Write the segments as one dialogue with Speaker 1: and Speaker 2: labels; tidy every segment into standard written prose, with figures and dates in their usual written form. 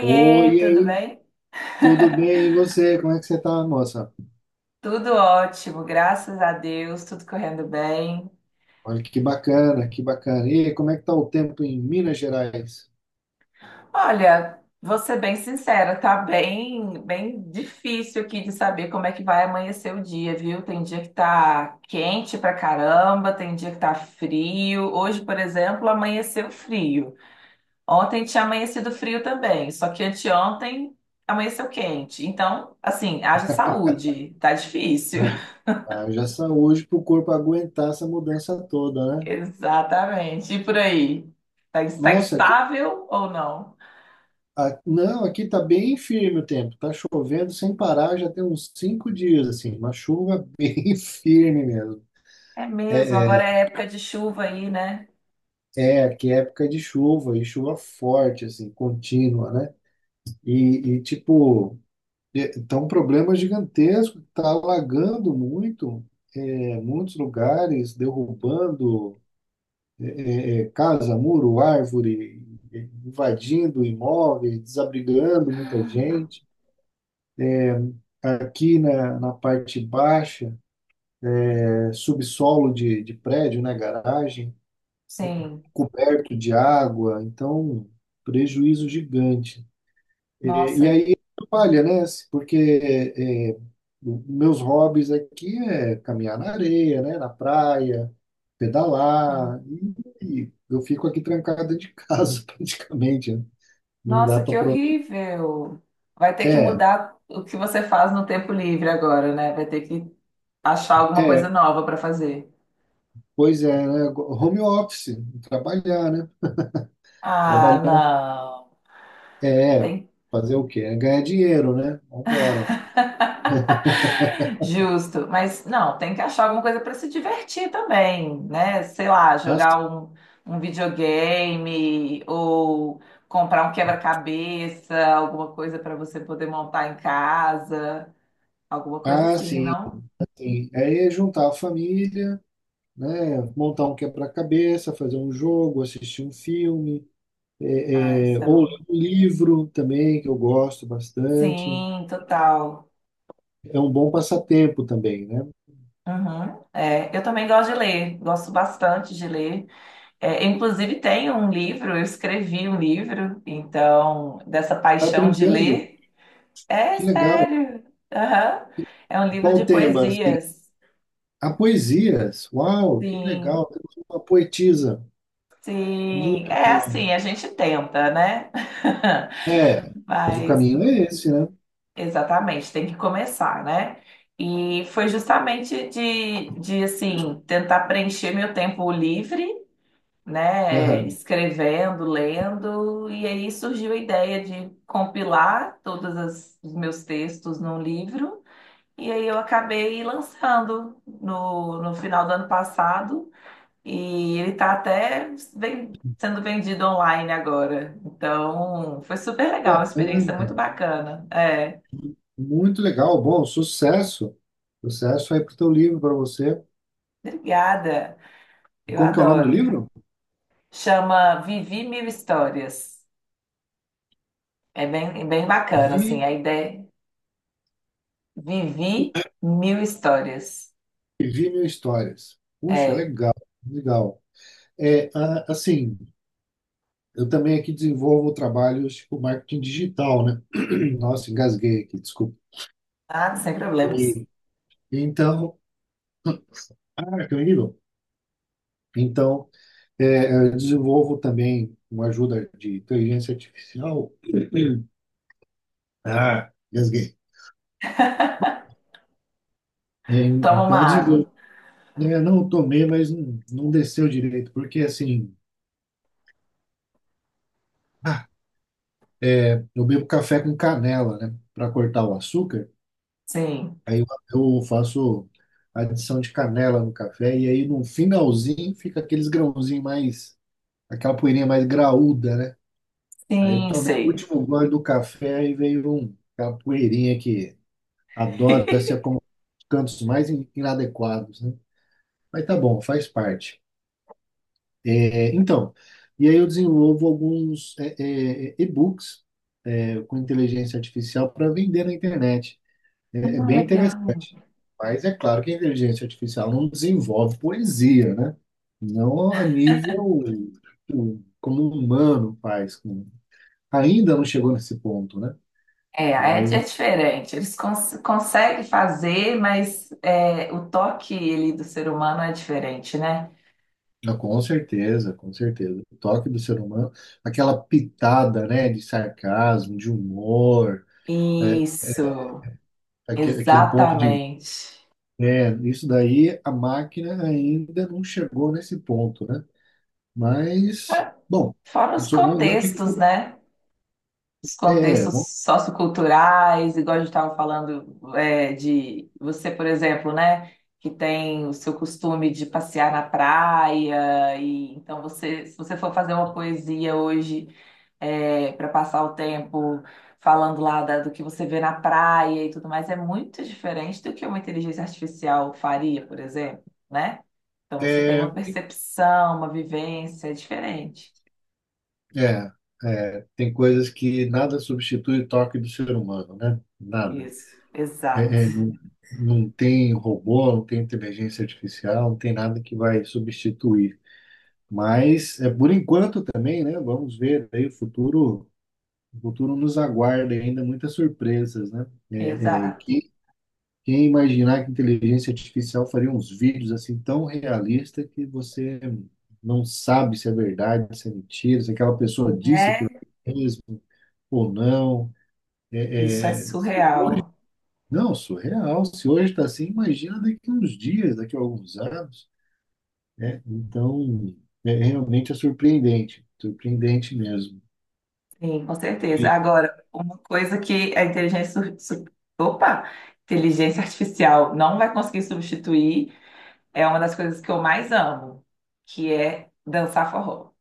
Speaker 1: Oi, e
Speaker 2: tudo
Speaker 1: aí,
Speaker 2: bem?
Speaker 1: tudo bem? E você? Como é que você tá, moça?
Speaker 2: Tudo ótimo, graças a Deus, tudo correndo bem.
Speaker 1: Olha que bacana, que bacana. E aí, como é que tá o tempo em Minas Gerais?
Speaker 2: Olha, vou ser bem sincera, tá bem difícil aqui de saber como é que vai amanhecer o dia, viu? Tem dia que tá quente pra caramba, tem dia que tá frio. Hoje, por exemplo, amanheceu frio. Ontem tinha amanhecido frio também, só que anteontem amanheceu quente. Então, assim, haja saúde, tá difícil.
Speaker 1: Haja haja saúde para o corpo aguentar essa mudança toda, né?
Speaker 2: Exatamente. E por aí? Tá
Speaker 1: Nossa, aqui,
Speaker 2: instável ou não?
Speaker 1: não, aqui tá bem firme o tempo. Tá chovendo sem parar, já tem uns 5 dias, assim, uma chuva bem firme mesmo.
Speaker 2: É mesmo,
Speaker 1: É,
Speaker 2: agora
Speaker 1: é,
Speaker 2: é época de chuva aí, né?
Speaker 1: é, aqui é época de chuva, e chuva forte, assim, contínua, né? Tipo, então, um problema é gigantesco que está alagando muito, muitos lugares, derrubando é, casa, muro, árvore, é, invadindo imóveis, desabrigando muita gente. Aqui na parte baixa, subsolo de prédio, né, garagem,
Speaker 2: Sim.
Speaker 1: coberto de água, então prejuízo gigante. E
Speaker 2: Nossa,
Speaker 1: aí atrapalha, né? Porque é, meus hobbies aqui é caminhar na areia, né? Na praia,
Speaker 2: sim.
Speaker 1: pedalar, e eu fico aqui trancado dentro de casa praticamente, né? Não dá
Speaker 2: Nossa,
Speaker 1: para
Speaker 2: que
Speaker 1: aproveitar.
Speaker 2: horrível. Vai ter que
Speaker 1: É,
Speaker 2: mudar o que você faz no tempo livre agora, né? Vai ter que achar alguma coisa
Speaker 1: é,
Speaker 2: nova para fazer.
Speaker 1: pois é, né? Home office, trabalhar, né?
Speaker 2: Ah,
Speaker 1: Trabalhar
Speaker 2: não.
Speaker 1: é
Speaker 2: Tem
Speaker 1: fazer o quê? É ganhar dinheiro, né? Vambora.
Speaker 2: Justo, mas não, tem que achar alguma coisa para se divertir também, né? Sei lá,
Speaker 1: Ah, sim,
Speaker 2: jogar um videogame ou comprar um quebra-cabeça, alguma coisa para você poder montar em casa, alguma coisa
Speaker 1: ah,
Speaker 2: assim,
Speaker 1: sim,
Speaker 2: não?
Speaker 1: sim. Aí é juntar a família, né? Montar um quebra-cabeça, fazer um jogo, assistir um filme,
Speaker 2: Ah, isso é
Speaker 1: ou ler
Speaker 2: bom.
Speaker 1: um livro também, que eu gosto bastante.
Speaker 2: Sim, total.
Speaker 1: É um bom passatempo também, né?
Speaker 2: Uhum. É, eu também gosto de ler, gosto bastante de ler. É, inclusive, tenho um livro, eu escrevi um livro, então, dessa
Speaker 1: Tá
Speaker 2: paixão de
Speaker 1: brincando?
Speaker 2: ler. É
Speaker 1: Que legal.
Speaker 2: sério. Aham. É um livro
Speaker 1: Qual o
Speaker 2: de
Speaker 1: tema?
Speaker 2: poesias.
Speaker 1: A poesias. Uau, que
Speaker 2: Sim,
Speaker 1: legal. Temos uma poetisa.
Speaker 2: sim.
Speaker 1: Muito
Speaker 2: É
Speaker 1: bom.
Speaker 2: assim, a gente tenta, né?
Speaker 1: É, mas o
Speaker 2: Mas,
Speaker 1: caminho é esse, né?
Speaker 2: exatamente, tem que começar, né? E foi justamente de assim, tentar preencher meu tempo livre, né?
Speaker 1: Aham.
Speaker 2: Escrevendo, lendo, e aí surgiu a ideia de compilar todos os meus textos num livro. E aí eu acabei lançando no final do ano passado e ele tá até sendo vendido online agora. Então, foi super legal, uma
Speaker 1: Bacana.
Speaker 2: experiência muito bacana. É,
Speaker 1: Muito legal. Bom, sucesso. Sucesso aí pro teu livro, para você.
Speaker 2: obrigada. Eu
Speaker 1: Como que é o nome do
Speaker 2: adoro.
Speaker 1: livro?
Speaker 2: Chama Vivi Mil Histórias. É é bem bacana, assim,
Speaker 1: Vi
Speaker 2: a ideia. Vivi Mil Histórias.
Speaker 1: E vi mil histórias. Puxa,
Speaker 2: É,
Speaker 1: legal, legal. Assim, eu também aqui desenvolvo trabalhos com marketing digital, né? Nossa, engasguei aqui, desculpa.
Speaker 2: ah, sem problemas.
Speaker 1: E, então, ah, que horrível. Então, eu desenvolvo também com a ajuda de inteligência artificial. Ah, engasguei.
Speaker 2: Toma uma
Speaker 1: Então, eu
Speaker 2: água.
Speaker 1: desenvolvo. Né, não eu tomei, mas não, não desceu direito, porque assim, ah, eu bebo café com canela, né? Para cortar o açúcar.
Speaker 2: Sim,
Speaker 1: Aí eu faço adição de canela no café e aí no finalzinho fica aqueles grãozinhos mais, aquela poeirinha mais graúda, né? Aí eu
Speaker 2: sim,
Speaker 1: tomei o
Speaker 2: sei.
Speaker 1: último gole do café e veio um, aquela poeirinha que adora se acomodar nos cantos mais inadequados, né? Mas tá bom, faz parte. Então, e aí eu desenvolvo alguns e-books com inteligência artificial para vender na internet. É, é
Speaker 2: Ah,
Speaker 1: bem
Speaker 2: legal.
Speaker 1: Mas é claro que a inteligência artificial não desenvolve poesia, né? Não a nível tipo, como um humano faz. Ainda não chegou nesse ponto, né?
Speaker 2: É, é,
Speaker 1: Mas
Speaker 2: é diferente. Eles conseguem fazer, mas é, o toque ali do ser humano é diferente, né?
Speaker 1: ah, com certeza, com certeza. O toque do ser humano, aquela pitada, né, de sarcasmo, de humor, é,
Speaker 2: Isso,
Speaker 1: aquele ponto de.
Speaker 2: exatamente.
Speaker 1: É, isso daí a máquina ainda não chegou nesse ponto, né? Mas, bom,
Speaker 2: Fora
Speaker 1: eu
Speaker 2: os
Speaker 1: sou, vamos ver o que que o
Speaker 2: contextos,
Speaker 1: futuro-
Speaker 2: né? Os
Speaker 1: é,
Speaker 2: contextos socioculturais, igual a gente estava falando é, de você, por exemplo, né? Que tem o seu costume de passear na praia, e então você, se você for fazer uma poesia hoje para passar o tempo falando do que você vê na praia e tudo mais, é muito diferente do que uma inteligência artificial faria, por exemplo, né? Então você tem uma
Speaker 1: vamos
Speaker 2: percepção, uma vivência diferente.
Speaker 1: É, tem coisas que nada substitui o toque do ser humano, né? Nada.
Speaker 2: Isso, exato,
Speaker 1: É, é, não, não tem robô, não tem inteligência artificial, não tem nada que vai substituir. Mas, por enquanto também, né? Vamos ver aí o futuro nos aguarda ainda muitas surpresas, né?
Speaker 2: exato.
Speaker 1: Quem imaginar que inteligência artificial faria uns vídeos assim tão realistas que você não sabe se é verdade, se é mentira, se aquela pessoa disse aquilo
Speaker 2: É,
Speaker 1: mesmo ou não.
Speaker 2: isso é
Speaker 1: É, é, se-
Speaker 2: surreal.
Speaker 1: não, surreal. Se hoje está assim, imagina daqui a uns dias, daqui a alguns anos, né? Então, realmente é surpreendente, surpreendente mesmo.
Speaker 2: Sim, com certeza.
Speaker 1: E
Speaker 2: Agora, uma coisa que a inteligência, opa, inteligência artificial não vai conseguir substituir é uma das coisas que eu mais amo, que é dançar forró.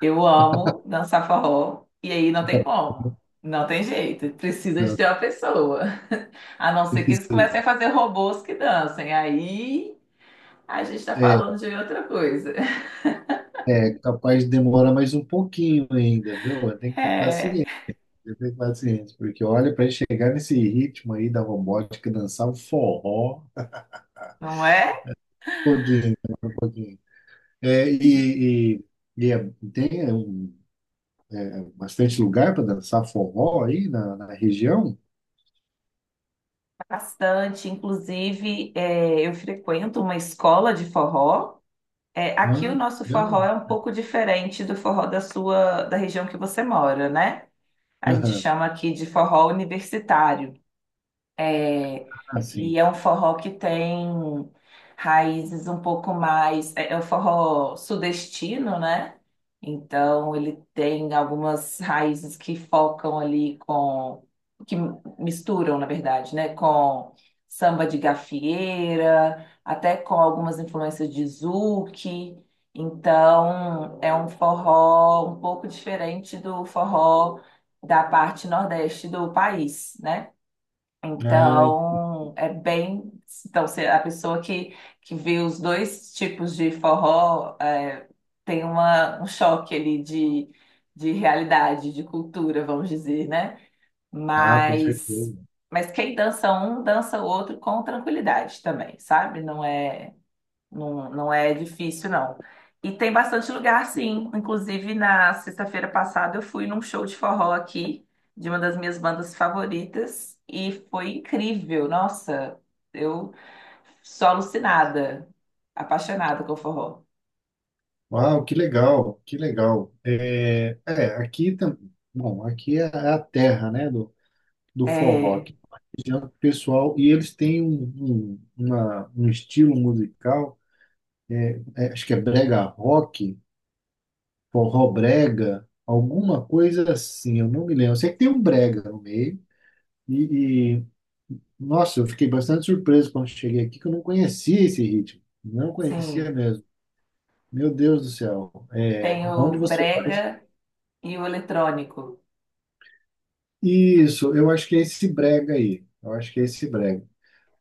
Speaker 2: Eu amo dançar forró e aí não tem como. Não tem jeito, precisa de ter uma pessoa. A não ser que eles comecem a
Speaker 1: precisa-
Speaker 2: fazer robôs que dancem. Aí a gente tá
Speaker 1: É,
Speaker 2: falando de outra coisa.
Speaker 1: é capaz de demorar mais um pouquinho ainda, viu? Tem que ter
Speaker 2: É,
Speaker 1: paciência, tem que ter paciência, porque olha, para chegar nesse ritmo aí da robótica, dançar o forró, um
Speaker 2: não é?
Speaker 1: pouquinho, né? Um pouquinho. É, e é- tem é um Bastante lugar para dançar forró aí na região?
Speaker 2: Bastante. Inclusive, é, eu frequento uma escola de forró. É, aqui o
Speaker 1: Ah, que
Speaker 2: nosso forró
Speaker 1: legal.
Speaker 2: é um pouco diferente do forró da sua, da região que você mora, né? A gente
Speaker 1: Aham.
Speaker 2: chama aqui de forró universitário. É,
Speaker 1: Ah, sim.
Speaker 2: e é um forró que tem raízes um pouco mais. É, é um forró sudestino, né? Então ele tem algumas raízes que focam ali com. Que misturam, na verdade, né? Com samba de gafieira, até com algumas influências de zouk. Então é um forró um pouco diferente do forró da parte nordeste do país, né?
Speaker 1: Ah,
Speaker 2: Então, é bem. Então, se a pessoa que vê os dois tipos de forró é, tem uma, um choque ali de realidade, de cultura, vamos dizer, né?
Speaker 1: com
Speaker 2: Mas,
Speaker 1: certeza.
Speaker 2: mas quem dança um, dança o outro com tranquilidade também, sabe? Não é. Não, não é difícil, não. E tem bastante lugar, sim. Inclusive, na sexta-feira passada, eu fui num show de forró aqui, de uma das minhas bandas favoritas, e foi incrível. Nossa, eu sou alucinada, apaixonada com forró.
Speaker 1: Uau, que legal, que legal. Aqui também. Bom, aqui é a terra, né, do forró.
Speaker 2: É,
Speaker 1: Aqui, região pessoal, e eles têm um estilo musical, acho que é brega rock, forró brega, alguma coisa assim, eu não me lembro. Eu sei que tem um brega no meio, e, nossa, eu fiquei bastante surpreso quando cheguei aqui, que eu não conhecia esse ritmo. Não conhecia
Speaker 2: sim.
Speaker 1: mesmo. Meu Deus do céu.
Speaker 2: Tem o
Speaker 1: Onde você vai?
Speaker 2: brega e o eletrônico.
Speaker 1: Isso, eu acho que é esse brega aí. Eu acho que é esse brega.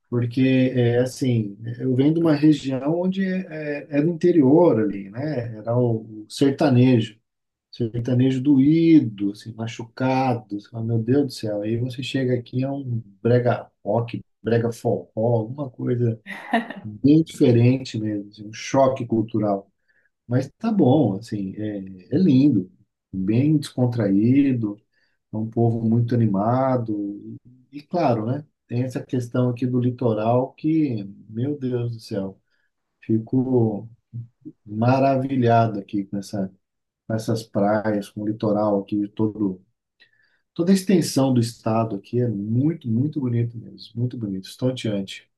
Speaker 1: Porque, assim, eu venho de uma região onde é do interior ali, né? Era o sertanejo. Sertanejo doído, assim, machucado. Você fala, meu Deus do céu. Aí você chega aqui, é um brega rock, brega forró, alguma coisa. Bem diferente mesmo, assim, um choque cultural. Mas tá bom, assim, é lindo, bem descontraído, é um povo muito animado. E, claro, né? Tem essa questão aqui do litoral que, meu Deus do céu, fico maravilhado aqui com essa, com essas praias, com o litoral aqui, todo, toda a extensão do estado aqui é muito, muito bonito mesmo, muito bonito, estonteante.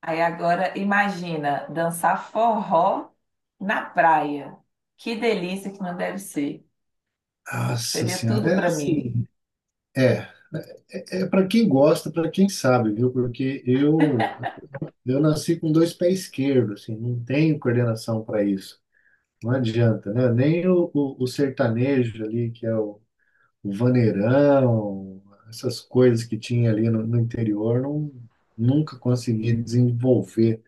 Speaker 2: Aí agora, imagina dançar forró na praia. Que delícia que não deve ser.
Speaker 1: Nossa
Speaker 2: Seria
Speaker 1: Senhora,
Speaker 2: tudo
Speaker 1: é
Speaker 2: pra mim.
Speaker 1: assim. É, é para quem gosta, para quem sabe, viu? Porque eu nasci com dois pés esquerdos, assim, não tenho coordenação para isso. Não adianta, né? Nem o sertanejo ali, que é o vaneirão, essas coisas que tinha ali no interior, não, nunca consegui desenvolver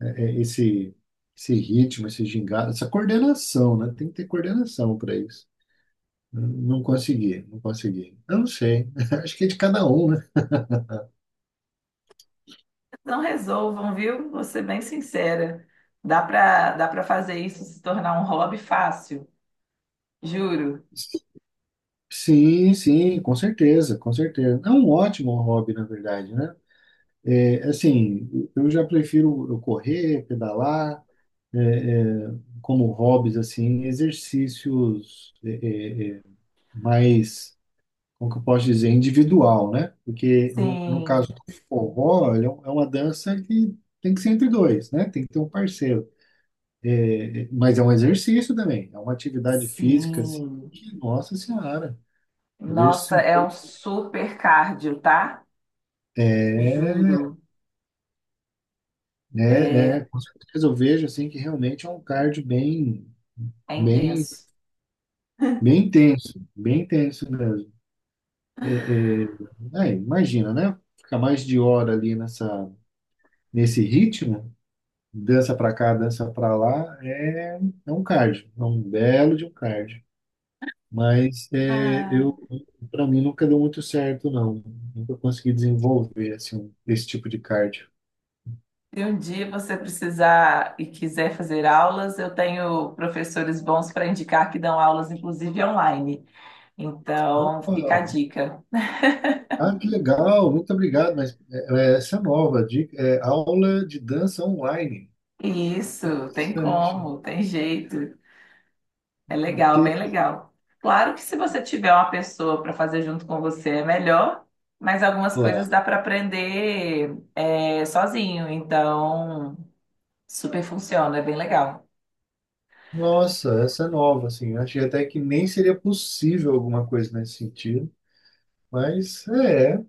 Speaker 1: é, esse, esse ritmo, esse gingado, essa coordenação, né? Tem que ter coordenação para isso. Não consegui, não consegui. Eu não sei. Acho que é de cada um, né?
Speaker 2: Não resolvam, viu? Vou ser bem sincera. Dá para fazer isso se tornar um hobby fácil, juro.
Speaker 1: Sim, sim, com certeza, com certeza. É um ótimo hobby, na verdade, né? Assim, eu já prefiro eu correr, pedalar, é, é, como hobbies, assim, exercícios é, é, mais, como que eu posso dizer, individual, né? Porque no caso
Speaker 2: Sim,
Speaker 1: do forró, ele é é uma dança que tem que ser entre dois, né? Tem que ter um parceiro. Mas é um exercício também, é uma atividade física, assim,
Speaker 2: sim.
Speaker 1: que, nossa senhora, eu vejo isso.
Speaker 2: Nossa, é um super cardio, tá? Juro.
Speaker 1: É,
Speaker 2: É,
Speaker 1: com certeza eu vejo assim que realmente é um cardio bem,
Speaker 2: é
Speaker 1: bem,
Speaker 2: intenso.
Speaker 1: bem intenso mesmo. É, é, Imagina, né? Ficar mais de hora ali nesse ritmo, dança pra cá, dança pra lá, é um cardio, é um belo de um cardio. Mas
Speaker 2: Ah,
Speaker 1: para mim nunca deu muito certo, não. Nunca consegui desenvolver assim, esse tipo de cardio.
Speaker 2: se um dia você precisar e quiser fazer aulas, eu tenho professores bons para indicar que dão aulas, inclusive online. Então, fica a
Speaker 1: Opa!
Speaker 2: dica.
Speaker 1: Ah, que legal, muito obrigado. Mas essa é nova dica é aula de dança online.
Speaker 2: Isso, tem
Speaker 1: Interessante.
Speaker 2: como, tem jeito. É legal, bem
Speaker 1: Interclá.
Speaker 2: legal. Claro que se você tiver uma pessoa para fazer junto com você é melhor, mas algumas coisas dá para aprender é, sozinho, então super funciona, é bem legal.
Speaker 1: Nossa, essa é nova, assim. Eu achei até que nem seria possível alguma coisa nesse sentido. Mas é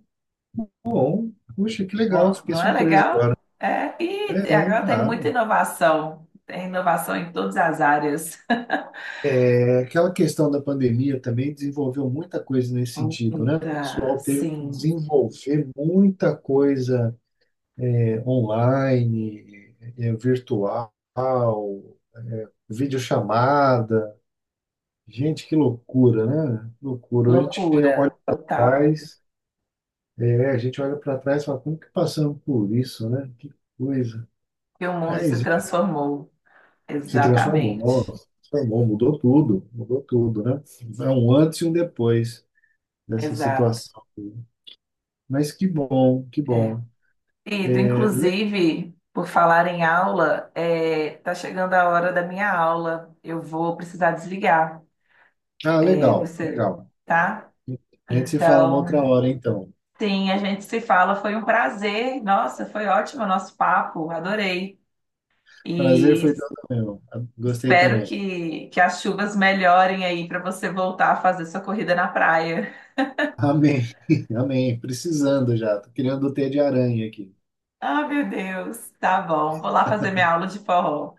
Speaker 1: bom. Puxa, que legal,
Speaker 2: Bom,
Speaker 1: fiquei
Speaker 2: não é
Speaker 1: surpresa agora.
Speaker 2: legal? É, e agora tem muita
Speaker 1: Claro.
Speaker 2: inovação, tem inovação em todas as áreas.
Speaker 1: Aquela questão da pandemia também desenvolveu muita coisa nesse sentido, né? O
Speaker 2: Muita,
Speaker 1: pessoal teve que
Speaker 2: sim,
Speaker 1: desenvolver muita coisa online, é virtual, videochamada. Gente, que loucura, né? Loucura.
Speaker 2: loucura total.
Speaker 1: A gente olha para trás e fala, como que passamos por isso, né? Que coisa.
Speaker 2: E o mundo se
Speaker 1: Mas
Speaker 2: transformou.
Speaker 1: se transformou,
Speaker 2: Exatamente,
Speaker 1: se transformou, mudou tudo, né? É um antes e um depois dessa
Speaker 2: exato.
Speaker 1: situação. Mas que bom, que
Speaker 2: É.
Speaker 1: bom.
Speaker 2: Ido,
Speaker 1: É, le-
Speaker 2: inclusive, por falar em aula, é, tá chegando a hora da minha aula. Eu vou precisar desligar. É,
Speaker 1: Legal,
Speaker 2: você,
Speaker 1: legal.
Speaker 2: tá?
Speaker 1: A gente se fala uma
Speaker 2: Então,
Speaker 1: outra hora, então.
Speaker 2: sim, a gente se fala. Foi um prazer. Nossa, foi ótimo o nosso papo. Adorei.
Speaker 1: Prazer
Speaker 2: E
Speaker 1: foi todo meu. Gostei
Speaker 2: espero
Speaker 1: também.
Speaker 2: que as chuvas melhorem aí para você voltar a fazer sua corrida na praia.
Speaker 1: Amém. Amém. Precisando já. Tô criando o T de aranha aqui.
Speaker 2: Ah, meu Deus. Tá bom. Vou lá fazer minha aula de forró.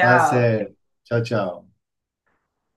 Speaker 1: Tá certo. Tchau, tchau.